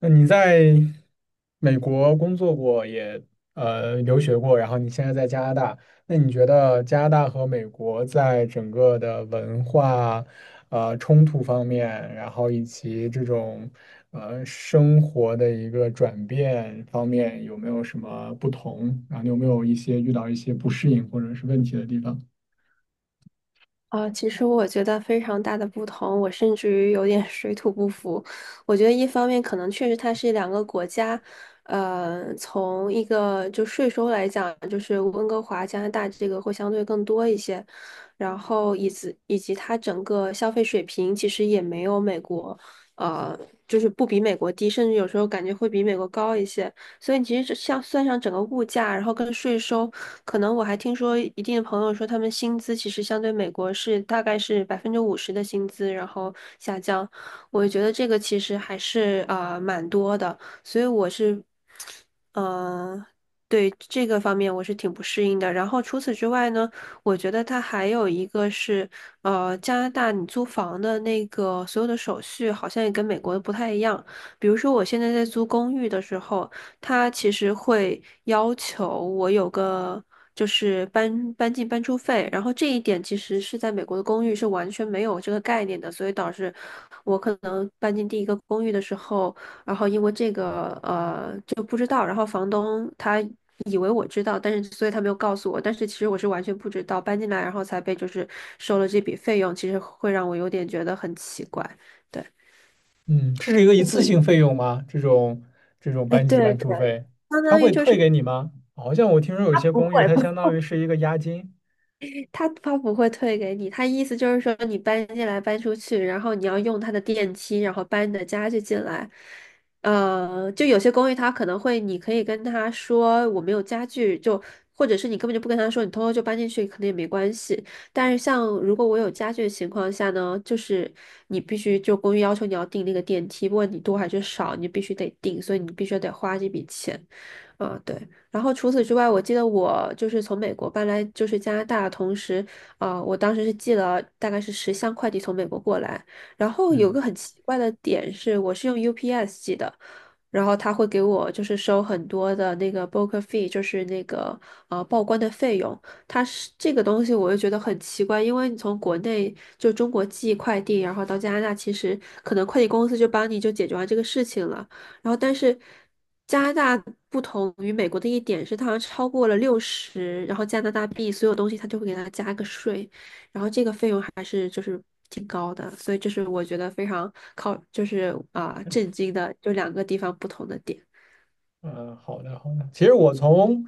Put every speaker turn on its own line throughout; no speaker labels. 那你在美国工作过，也留学过，然后你现在在加拿大，那你觉得加拿大和美国在整个的文化冲突方面，然后以及这种生活的一个转变方面，有没有什么不同？然后你有没有一些遇到一些不适应或者是问题的地方？
啊，其实我觉得非常大的不同，我甚至于有点 水土不服。我觉得一方面可能确实它是两个国家，从一个就税收来讲，就是温哥华、加拿大这个会相对更多一些，然后以及它整个消费水平其实也没有美国，呃，就是不比美国低，甚至有时候感觉会比美国高一些。所以其实这像算上整个物价，然后跟税收。可能我还听说一定的朋友说，他们薪资其实相对美国是大概是50%的薪资，然后下降。我觉得这个其实还是蛮多的，所以我是，嗯、对这个方面我是挺不适应的。然后除此之外呢，我觉得它还有一个是，加拿大你租房的那个所有的手续好像也跟美国的不太一样。比如说我现在在租公寓的时候。他其实会要求我有个就是搬进搬出费，然后这一点其实是在美国的公寓是完全没有这个概念的，所以导致我可能搬进第一个公寓的时候，然后因为这个就不知道，然后房东他以为我知道，但是所以他没有告诉我，但是其实我是完全不知道，搬进来然后才被就是收了这笔费用，其实会让我有点觉得很奇怪，对，
嗯，这是一个一
那
次性
你，
费用吗？这种这种
哎，
搬进
对
搬
对，
出费，
相
他
当于
会
就
退
是。
给你吗？好像我听说有一
他
些
不
公寓，
会。
它相
不。
当于是一个押金。
他不会退给你，他意思就是说你搬进来搬出去，然后你要用他的电梯，然后搬你的家具进来。就有些公寓他可能会，你可以跟他说我没有家具，就或者是你根本就不跟他说，你偷偷就搬进去，可能也没关系。但是像如果我有家具的情况下呢，就是你必须就公寓要求你要订那个电梯，不管你多还是少，你必须得订，所以你必须得花这笔钱。啊，对。然后除此之外，我记得我就是从美国搬来就是加拿大，同时，啊，我当时是寄了大概是10箱快递从美国过来。然后有
嗯。
个很奇怪的点是，我是用 UPS 寄的，然后他会给我就是收很多的那个 broker fee,就是那个报关的费用。它是这个东西，我就觉得很奇怪，因为你从国内就中国寄快递，然后到加拿大，其实可能快递公司就帮你就解决完这个事情了。然后但是加拿大不同于美国的一点是，它好像超过了60，然后加拿大币所有东西它就会给它加个税，然后这个费用还是就是挺高的，所以这是我觉得非常靠就是震惊的，就两个地方不同的点。
嗯，好的好的。其实我从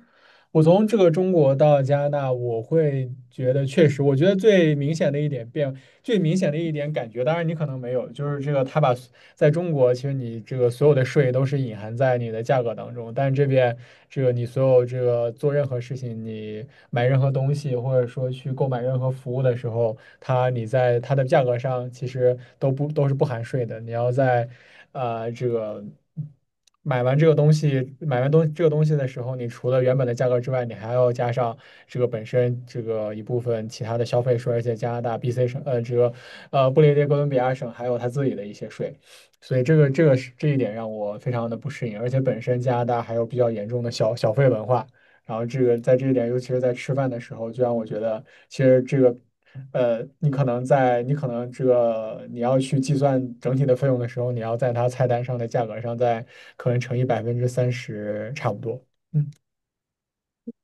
这个中国到加拿大，我会觉得确实，我觉得最明显的一点变，最明显的一点感觉，当然你可能没有，就是这个他把在中国，其实你这个所有的税都是隐含在你的价格当中，但是这边这个你所有这个做任何事情，你买任何东西或者说去购买任何服务的时候，它你在它的价格上其实都不都是不含税的，你要在啊这个。买完这个东西的时候，你除了原本的价格之外，你还要加上这个本身这个一部分其他的消费税，而且加拿大 BC 省，这个布列颠哥伦比亚省还有他自己的一些税，所以这个是这一点让我非常的不适应，而且本身加拿大还有比较严重的小费文化，然后这个在这一点，尤其是在吃饭的时候，就让我觉得其实这个。你可能在你可能这个你要去计算整体的费用的时候，你要在它菜单上的价格上再可能乘以30%差不多。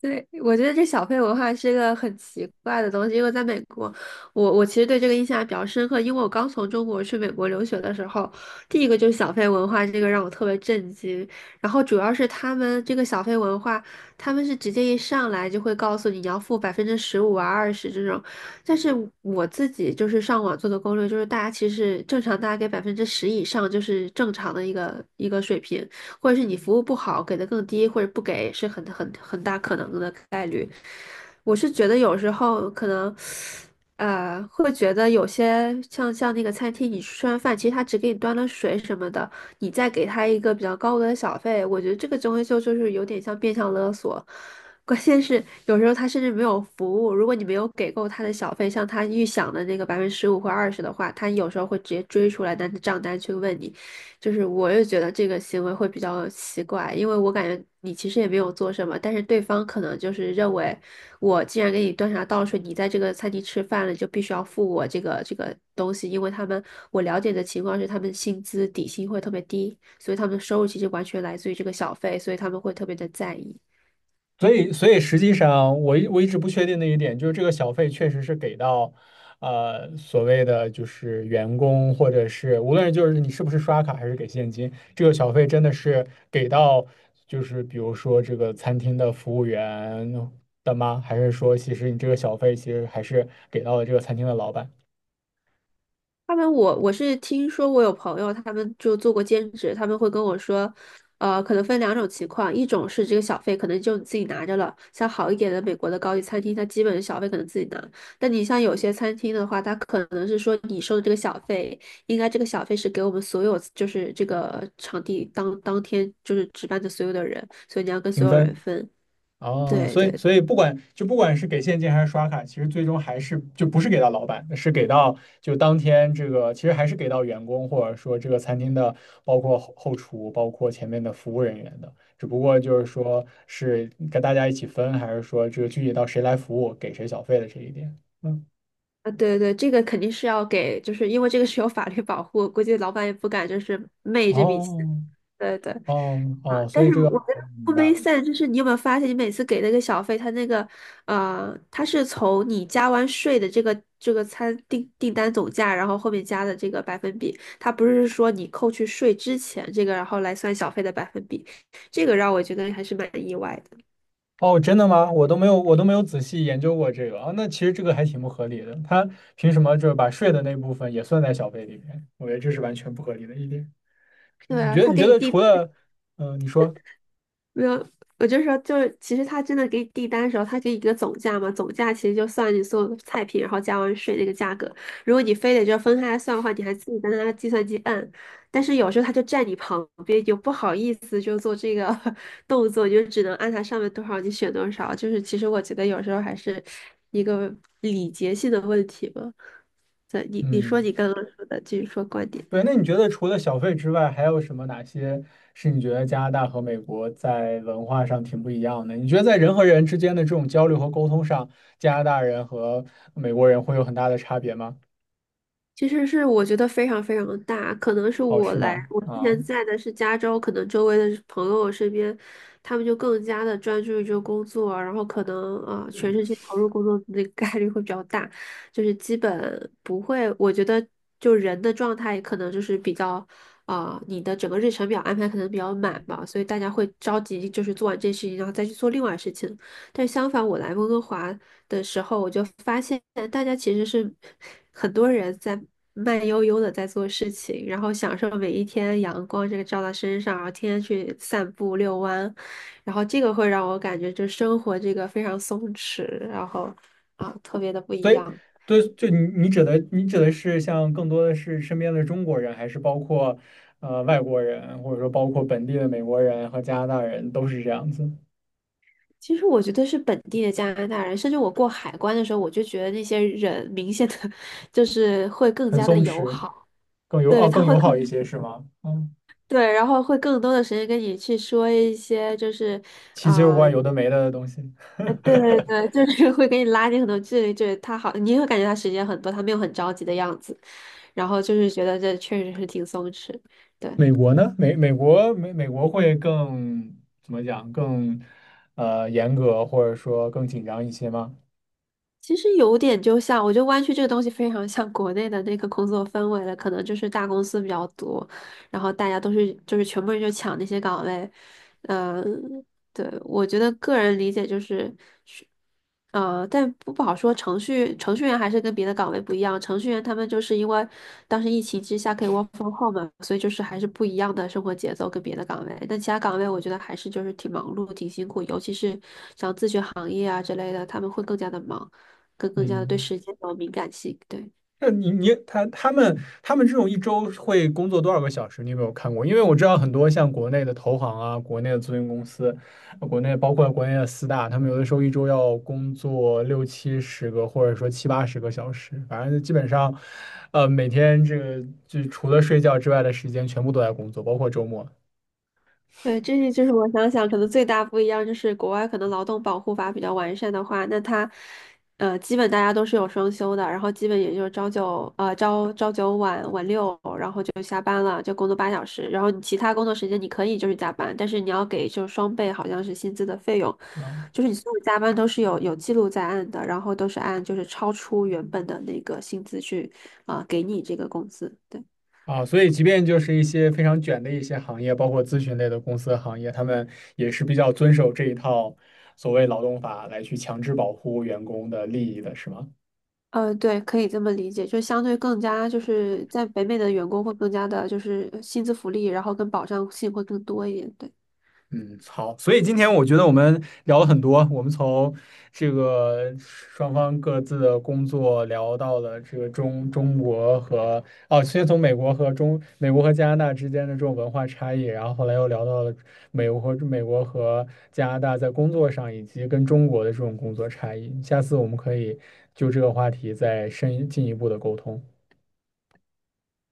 对，我觉得这小费文化是一个很奇怪的东西，因为在美国，我其实对这个印象还比较深刻，因为我刚从中国去美国留学的时候，第一个就是小费文化，这个让我特别震惊。然后主要是他们这个小费文化，他们是直接一上来就会告诉你你要付百分之十五啊、二十这种，但是我自己就是上网做的攻略，就是大家其实正常大家给百分之十以上就是正常的一个水平。或者是你服务不好，给的更低，或者不给，是很大可能的概率。我是觉得有时候可能，会觉得有些像那个餐厅，你吃完饭，其实他只给你端了水什么的，你再给他一个比较高额的小费，我觉得这个东西就是有点像变相勒索。关键是有时候他甚至没有服务，如果你没有给够他的小费，像他预想的那个百分之十五或二十的话，他有时候会直接追出来拿着账单去问你，就是我也觉得这个行为会比较奇怪，因为我感觉你其实也没有做什么，但是对方可能就是认为我既然给你端茶倒水，你在这个餐厅吃饭了，就必须要付我这个东西，因为他们我了解的情况是他们薪资底薪会特别低，所以他们的收入其实完全来自于这个小费，所以他们会特别的在意。
所以实际上我一直不确定的一点就是这个小费确实是给到，所谓的就是员工或者是无论就是你是不是刷卡还是给现金，这个小费真的是给到就是比如说这个餐厅的服务员的吗？还是说其实你这个小费其实还是给到了这个餐厅的老板？
他们我是听说我有朋友，他们就做过兼职，他们会跟我说，可能分两种情况，一种是这个小费可能就你自己拿着了，像好一点的美国的高级餐厅，它基本小费可能自己拿，但你像有些餐厅的话，它可能是说你收的这个小费，应该这个小费是给我们所有就是这个场地当天就是值班的所有的人，所以你要跟
评
所有人
分。
分。
哦，
对
所以
对
不管就不管是给现金还是刷卡，其实最终还是就不是给到老板，是给到就当天这个，其实还是给到员工或者说这个餐厅的，包括后厨，包括前面的服务人员的，只不过就是说是跟大家一起分，还是说这个具体到谁来服务，给谁小费的这一点。嗯，
啊，对对，这个肯定是要给，就是因为这个是有法律保护，估计老板也不敢就是昧这笔钱。
哦
对对
哦
啊，
哦，所
但
以
是
这个
我觉得
明
不 m
白了。
a 就是你有没有发现，你每次给那个小费，他那个他是从你加完税的这个订单总价，然后后面加的这个百分比，他不是说你扣去税之前这个，然后来算小费的百分比，这个让我觉得还是蛮意外的。
哦，真的吗？我都没有仔细研究过这个啊。那其实这个还挺不合理的，他凭什么就是把税的那部分也算在小费里面？我觉得这是完全不合理的一点。
对啊，他
你
给
觉
你
得
订
除了，嗯、你说，
没有，我就说，就是其实他真的给你订单的时候，他给你一个总价嘛，总价其实就算你所有的菜品，然后加完税那个价格。如果你非得就分开来算的话，你还自己在那计算机按。但是有时候他就站你旁边，就不好意思就做这个 动作，你就只能按他上面多少你选多少。就是其实我觉得有时候还是一个礼节性的问题吧。对，你你说
嗯，
你刚刚说的，继续说观点。
对，那你觉得除了小费之外，还有什么哪些是你觉得加拿大和美国在文化上挺不一样的？你觉得在人和人之间的这种交流和沟通上，加拿大人和美国人会有很大的差别吗？
其实是我觉得非常非常的大，可能是
哦，
我
是
来，
吗？
我之
啊。
前在的是加州，可能周围的朋友身边，他们就更加的专注于这个工作，然后可能全身心投入工作的那个概率会比较大，就是基本不会，我觉得就人的状态可能就是比较你的整个日程表安排可能比较满吧，所以大家会着急就是做完这事情，然后再去做另外事情。但相反，我来温哥华的时候，我就发现大家其实是很多人在慢悠悠的在做事情，然后享受每一天阳光这个照到身上，然后天天去散步遛弯，然后这个会让我感觉就生活这个非常松弛，然后特别的不一
所以，
样。
对，就你指的，你指的是像更多的是身边的中国人，还是包括外国人，或者说包括本地的美国人和加拿大人，都是这样子，
其实我觉得是本地的加拿大人，甚至我过海关的时候，我就觉得那些人明显的 就是会更
很
加的
松
友
弛，
好，
更友
对，
哦
他
更
会
友好一
更，
些，是吗？嗯，
对，然后会更多的时间跟你去说一些就是。
奇奇怪
啊。
怪有的没的的东西。
对对 对，就是会给你拉近很多距离，就是他好，你会感觉他时间很多，他没有很着急的样子，然后就是觉得这确实是挺松弛，对。
美国呢？美国会更怎么讲？更严格，或者说更紧张一些吗？
其实有点就像，我觉得湾区这个东西非常像国内的那个工作氛围了，可能就是大公司比较多，然后大家都是就是全部人就抢那些岗位，嗯、对，我觉得个人理解就是，是但不好说，程序员还是跟别的岗位不一样，程序员他们就是因为当时疫情之下可以 work from home 嘛，所以就是还是不一样的生活节奏跟别的岗位，但其他岗位我觉得还是就是挺忙碌、挺辛苦，尤其是像咨询行业啊之类的，他们会更加的忙。更加的对
嗯。
时间有敏感性。对，
那你他们这种一周会工作多少个小时？你有没有看过？因为我知道很多像国内的投行啊，国内的咨询公司，国内包括国内的四大，他们有的时候一周要工作六七十个，或者说七八十个小时，反正基本上，每天这个就除了睡觉之外的时间全部都在工作，包括周末。
对，这是就是我想想，可能最大不一样就是国外可能劳动保护法比较完善的话，那它基本大家都是有双休的，然后基本也就是朝九晚六，然后就下班了，就工作8小时，然后你其他工作时间你可以就是加班，但是你要给就是双倍好像是薪资的费用，
啊。
就是你所有加班都是有记录在案的，然后都是按就是超出原本的那个薪资去给你这个工资。对。
啊，所以即便就是一些非常卷的一些行业，包括咨询类的公司和行业，他们也是比较遵守这一套所谓劳动法来去强制保护员工的利益的，是吗？
对，可以这么理解，就相对更加就是在北美的员工会更加的，就是薪资福利，然后跟保障性会更多一点，对。
嗯，好，所以今天我觉得我们聊了很多，我们从这个双方各自的工作聊到了这个中国和哦，先从美国和加拿大之间的这种文化差异，然后后来又聊到了美国和加拿大在工作上以及跟中国的这种工作差异。下次我们可以就这个话题再深进一步的沟通。